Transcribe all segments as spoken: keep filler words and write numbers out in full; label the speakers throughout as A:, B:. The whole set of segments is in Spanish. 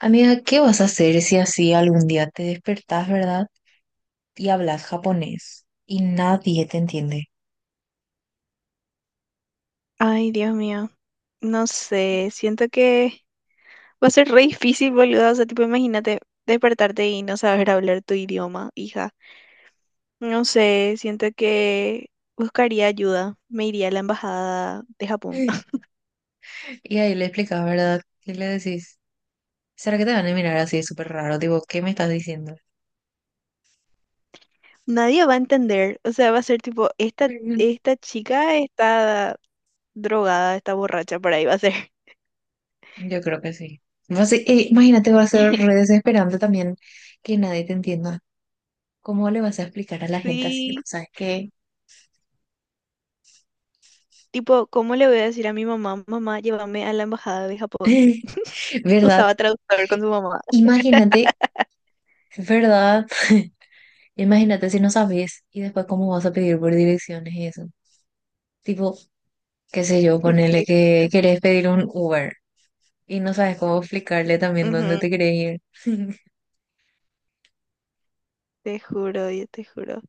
A: Amiga, ¿qué vas a hacer si así algún día te despertás, verdad? Y hablas japonés y nadie te entiende.
B: Ay, Dios mío, no sé, siento que va a ser re difícil, boludo. O sea, tipo, imagínate despertarte y no saber hablar tu idioma, hija. No sé, siento que buscaría ayuda, me iría a la embajada de Japón.
A: Y ahí le explicas, ¿verdad? Y le decís, ¿será que te van a mirar así súper raro? Digo, ¿qué me estás diciendo?
B: Nadie va a entender, o sea, va a ser tipo, esta,
A: Ujú.
B: esta chica está drogada, está borracha, por ahí va a ser.
A: Yo creo que sí. Va a ser- eh, imagínate, va a ser re desesperante también que nadie te entienda. ¿Cómo le vas a explicar a la gente así? Tipo,
B: Sí,
A: ¿sabes qué?
B: tipo, ¿cómo le voy a decir a mi mamá, mamá, llévame a la embajada de Japón?
A: ¿Verdad?
B: Usaba traductor con su mamá.
A: Imagínate, ¿verdad? Imagínate si no sabes y después cómo vas a pedir por direcciones y eso. Tipo, qué sé yo, ponele que querés pedir un Uber y no sabes cómo explicarle también dónde
B: Ujú.
A: te querés ir.
B: Te juro, yo te juro.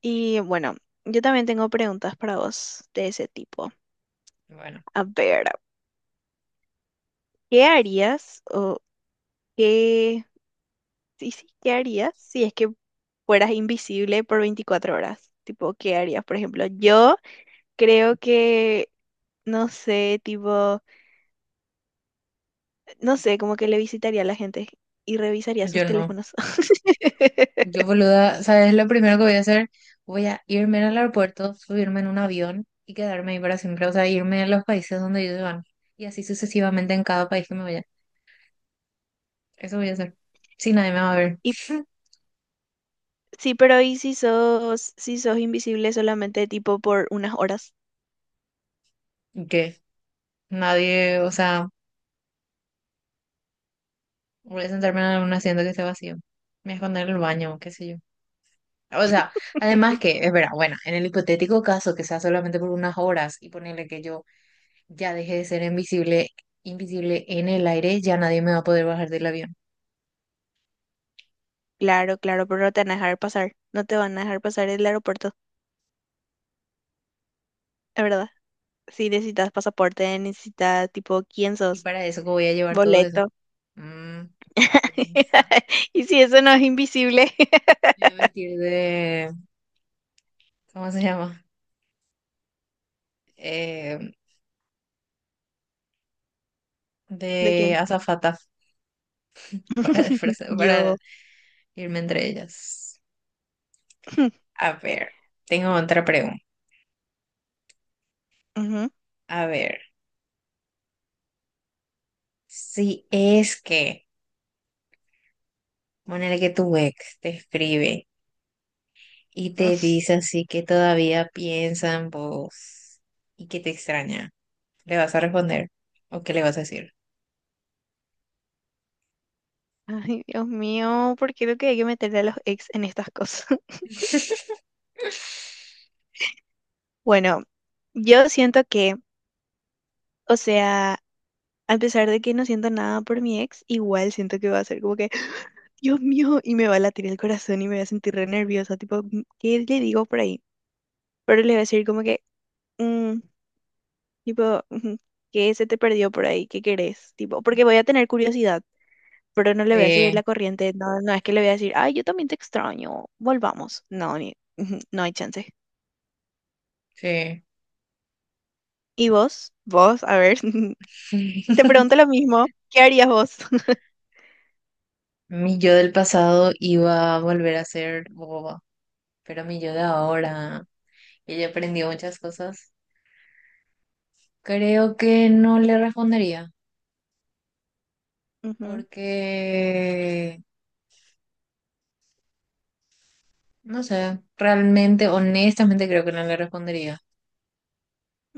B: Y bueno, yo también tengo preguntas para vos de ese tipo.
A: Bueno,
B: A ver, ¿qué harías o qué... Sí, sí, ¿qué harías si es que fueras invisible por veinticuatro horas? Tipo, ¿qué harías? Por ejemplo, yo creo que, no sé, tipo, no sé, como que le visitaría a la gente y revisaría sus
A: yo no.
B: teléfonos.
A: Yo, boluda, ¿sabes lo primero que voy a hacer? Voy a irme al aeropuerto, subirme en un avión y quedarme ahí para siempre. O sea, irme a los países donde ellos van. Y así sucesivamente en cada país que me vaya. Eso voy a hacer. Si nadie me va a ver.
B: Y sí, pero ¿y si sos, si sos invisible solamente tipo por unas horas?
A: ¿Y ¿Qué? Nadie, o sea, voy a sentarme en un asiento que esté vacío. Me voy a esconder en el baño, qué sé yo. O sea, además que, es verdad, bueno, en el hipotético caso que sea solamente por unas horas y ponerle que yo ya dejé de ser invisible, invisible en el aire, ya nadie me va a poder bajar del avión.
B: Claro, claro, pero no te van a dejar pasar. No te van a dejar pasar el aeropuerto, es verdad. Si necesitas pasaporte, necesitas tipo, ¿quién
A: Y
B: sos?
A: para eso, ¿cómo voy a llevar todo eso?
B: Boleto.
A: Mm, piensa.
B: Y si eso no es invisible,
A: Me voy a vestir de, ¿cómo se llama? Eh,
B: ¿de
A: de
B: quién?
A: azafata para, disfrazar-
B: Yo.
A: para irme entre ellas. A ver, tengo otra pregunta.
B: Ujú.
A: A ver, si es que, ponele que tu ex te escribe. Y te dice así que todavía piensa en vos y que te extraña. ¿Le vas a responder? ¿O qué le vas a decir?
B: Ay, Dios mío, ¿por qué lo que hay que meterle a los ex en estas cosas? Bueno, yo siento que, o sea, a pesar de que no siento nada por mi ex, igual siento que va a ser como que, Dios mío, y me va a latir el corazón y me voy a sentir re nerviosa, tipo, "Mm, ¿qué le digo por ahí?". Pero le voy a decir como que, "Mm, tipo, ujú, ¿qué se te perdió por ahí? ¿Qué querés?". Tipo, porque voy a tener curiosidad, pero no le voy a seguir
A: Sí,
B: la corriente, no, no es que le voy a decir, ay, yo también te extraño, volvamos. No, ni, ujú, no hay chance.
A: sí.
B: ¿Y vos? Vos, a ver, te pregunto lo mismo, ¿qué harías vos?
A: Mi yo del pasado iba a volver a ser boba, pero mi yo de ahora, ella aprendió muchas cosas. Creo que no le respondería,
B: Ujú,
A: porque, no sé, realmente, honestamente creo que no le respondería.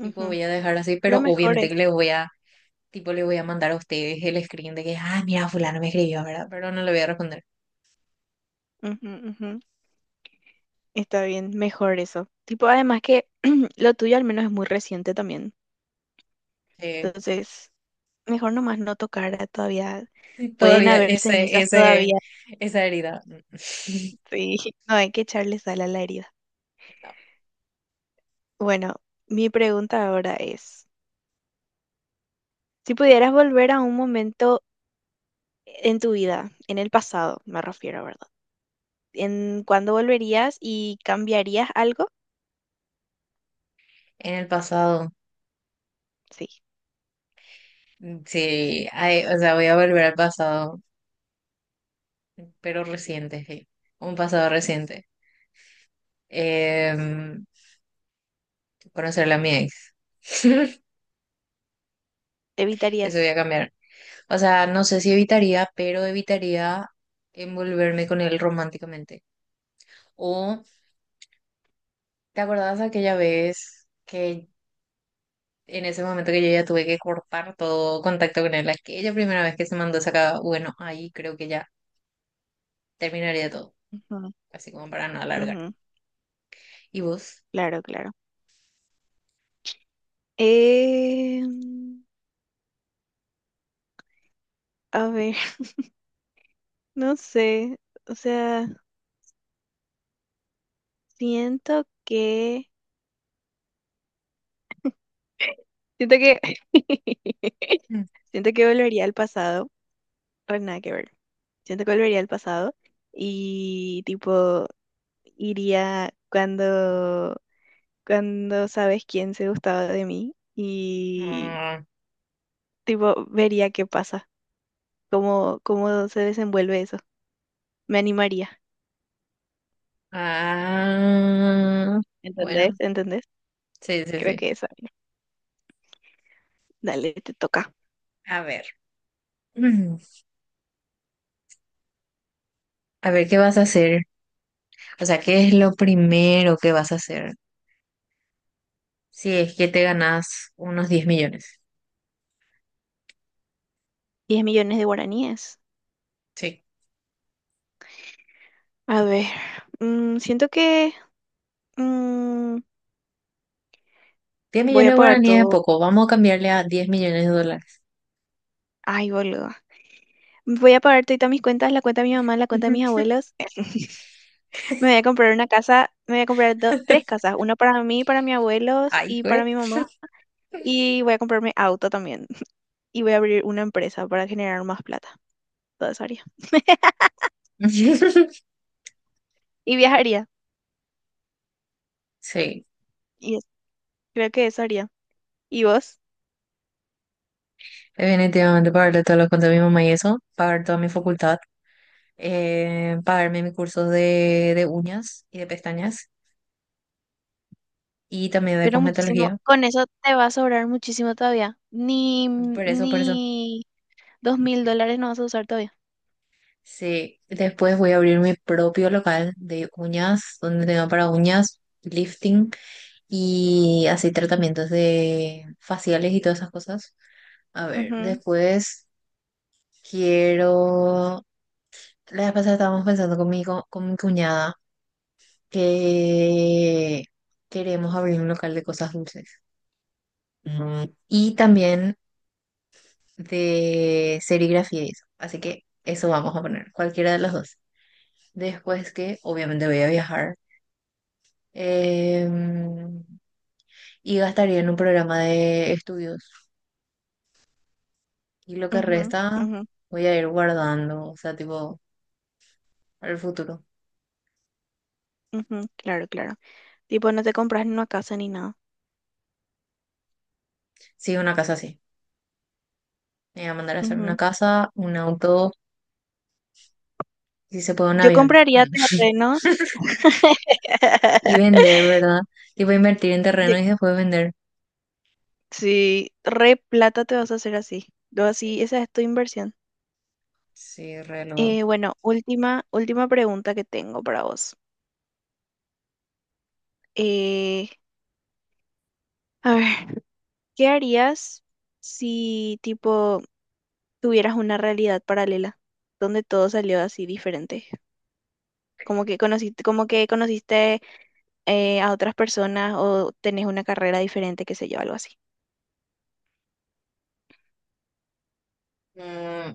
A: Tipo, voy a dejar así,
B: Lo
A: pero
B: mejor
A: obviamente
B: es.
A: que le voy a. Tipo, le voy a mandar a ustedes el screen de que, ah, mira, fulano me escribió, ¿verdad? Pero no le voy a responder.
B: Ujú, ujú. Está bien, mejor eso. Tipo, además que lo tuyo al menos es muy reciente también.
A: Eh,
B: Entonces, mejor nomás no tocar todavía. Pueden
A: todavía
B: haber
A: ese,
B: cenizas
A: ese,
B: todavía.
A: esa herida.
B: Sí, no hay que echarle sal a la herida.
A: No.
B: Bueno, mi pregunta ahora es, si pudieras volver a un momento en tu vida, en el pasado, me refiero, ¿verdad? ¿En cuándo volverías y cambiarías algo?
A: En el pasado,
B: Sí.
A: mm, sí, ay, o sea, voy a volver al pasado, pero reciente, sí. Un pasado reciente. Em, conocerla a mi ex. Eso voy a
B: ¿Evitarías?
A: cambiar. O sea, no sé si evitaría, pero evitaría envolverme con él románticamente. O, ¿te acordás aquella vez que en ese momento que yo ya tuve que cortar todo contacto con él, aquella primera vez que se mandó sacaba, bueno, ahí creo que ya terminaría todo,
B: Ujú,
A: así como para no alargar.
B: ujú,
A: ¿Y vos?
B: claro, claro. Eh, a ver, no sé. O sea, siento que... Siento que...
A: Mm.
B: Siento que volvería al pasado, pero nada que ver. Siento que volvería al pasado y tipo iría cuando cuando sabes quién se gustaba de mí y
A: Ah,
B: tipo vería qué pasa, cómo cómo se desenvuelve eso. Me animaría,
A: ah,
B: ¿entendés?
A: bueno,
B: ¿Entendés?
A: sí, sí,
B: Creo
A: sí.
B: que eso. Dale, te toca.
A: A ver. Mm. A ver qué vas a hacer. O sea, ¿qué es lo primero que vas a hacer si es que te ganas unos diez millones?
B: Diez millones de guaraníes.
A: Sí.
B: A ver, mm, siento que mm,
A: diez
B: voy
A: millones
B: a
A: de
B: pagar
A: guaraníes es
B: todo.
A: poco, vamos a cambiarle a diez millones de dólares.
B: Ay, boludo. Voy a pagar todas mis cuentas, la cuenta de mi mamá, la cuenta de mis abuelos. Me voy a comprar una casa, me voy a comprar do- tres casas, una para mí, para mis abuelos
A: Ay,
B: y
A: güey.
B: para mi mamá. Y voy a comprarme auto también. Y voy a abrir una empresa para generar más plata. Todo eso haría. Y viajaría.
A: Sí.
B: Y es- Creo que eso haría. ¿Y vos?
A: Definitivamente pagarle todo lo cuento a mi mamá y eso, pagar toda mi facultad, eh, pagarme mis cursos de, de, uñas y de pestañas y también de
B: Pero muchísimo,
A: cosmetología.
B: con eso te va a sobrar muchísimo todavía. Ni,
A: Por eso, por eso.
B: ni dos mil dólares no vas a usar todavía.
A: Sí, después voy a abrir mi propio local de uñas, donde tenga para uñas, lifting y así tratamientos de faciales y todas esas cosas. A ver, después quiero. La vez pasada estábamos pensando con mi, co- con mi cuñada. Que queremos abrir un local de cosas dulces, Mm, y también de serigrafía y eso. Así que eso vamos a poner, cualquiera de las dos. Después que obviamente voy a viajar, em, y gastaría en un programa de estudios. Y lo que
B: Ujú, ujú,
A: resta
B: ujú,
A: voy a ir guardando, o sea, tipo, para el futuro.
B: ujú, claro, claro. Tipo, no te compras ni una casa ni nada.
A: Sí, una casa así. Me voy a mandar a hacer una
B: Ujú.
A: casa, un auto, si se puede un
B: Yo
A: avión.
B: compraría
A: Mm.
B: terrenos.
A: Y vender, ¿verdad? Tipo, invertir en
B: Yo
A: terreno y después vender.
B: sí, re plata te vas a hacer así. Lo así, esa es tu inversión.
A: Sí, reloj.
B: Eh, bueno, última, última pregunta que tengo para vos. Eh, a ver, ¿qué harías si tipo tuvieras una realidad paralela donde todo salió así diferente? Como que conociste, como que conociste eh, a otras personas o tenés una carrera diferente, qué sé yo, algo así.
A: Mm,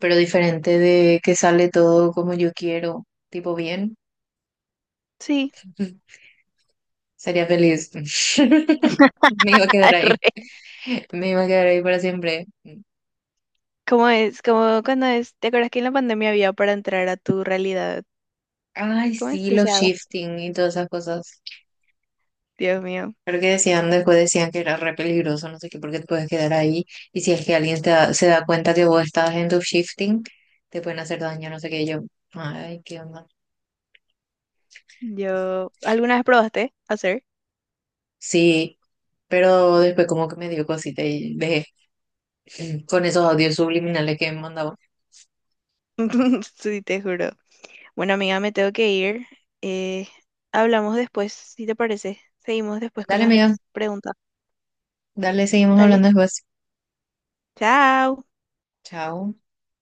A: pero diferente de que sale todo como yo quiero, tipo bien,
B: Sí,
A: sería feliz. Me iba a quedar ahí,
B: arre.
A: me iba a quedar ahí para siempre.
B: ¿Cómo es? Como cuando es, ¿te acuerdas que en la pandemia había para entrar a tu realidad?
A: Ay,
B: ¿Cómo es?
A: sí, los
B: Deseada.
A: shifting y todas esas cosas.
B: Dios mío.
A: Creo que decían, después decían que era re peligroso, no sé qué, porque te puedes quedar ahí. Y si es que alguien te da- se da cuenta que vos estás en tu shifting, te pueden hacer daño, no sé qué. Y yo, ay, qué onda.
B: Yo, ¿alguna vez probaste hacer?
A: Sí, pero después como que me dio cosita y dejé, eh, con esos audios subliminales que me mandaba.
B: Sí, te juro. Bueno, amiga, me tengo que ir. Eh, hablamos después, si te parece. Seguimos después con
A: Dale, amiga,
B: las preguntas.
A: dale, seguimos
B: Dale.
A: hablando después.
B: Chao.
A: Chao.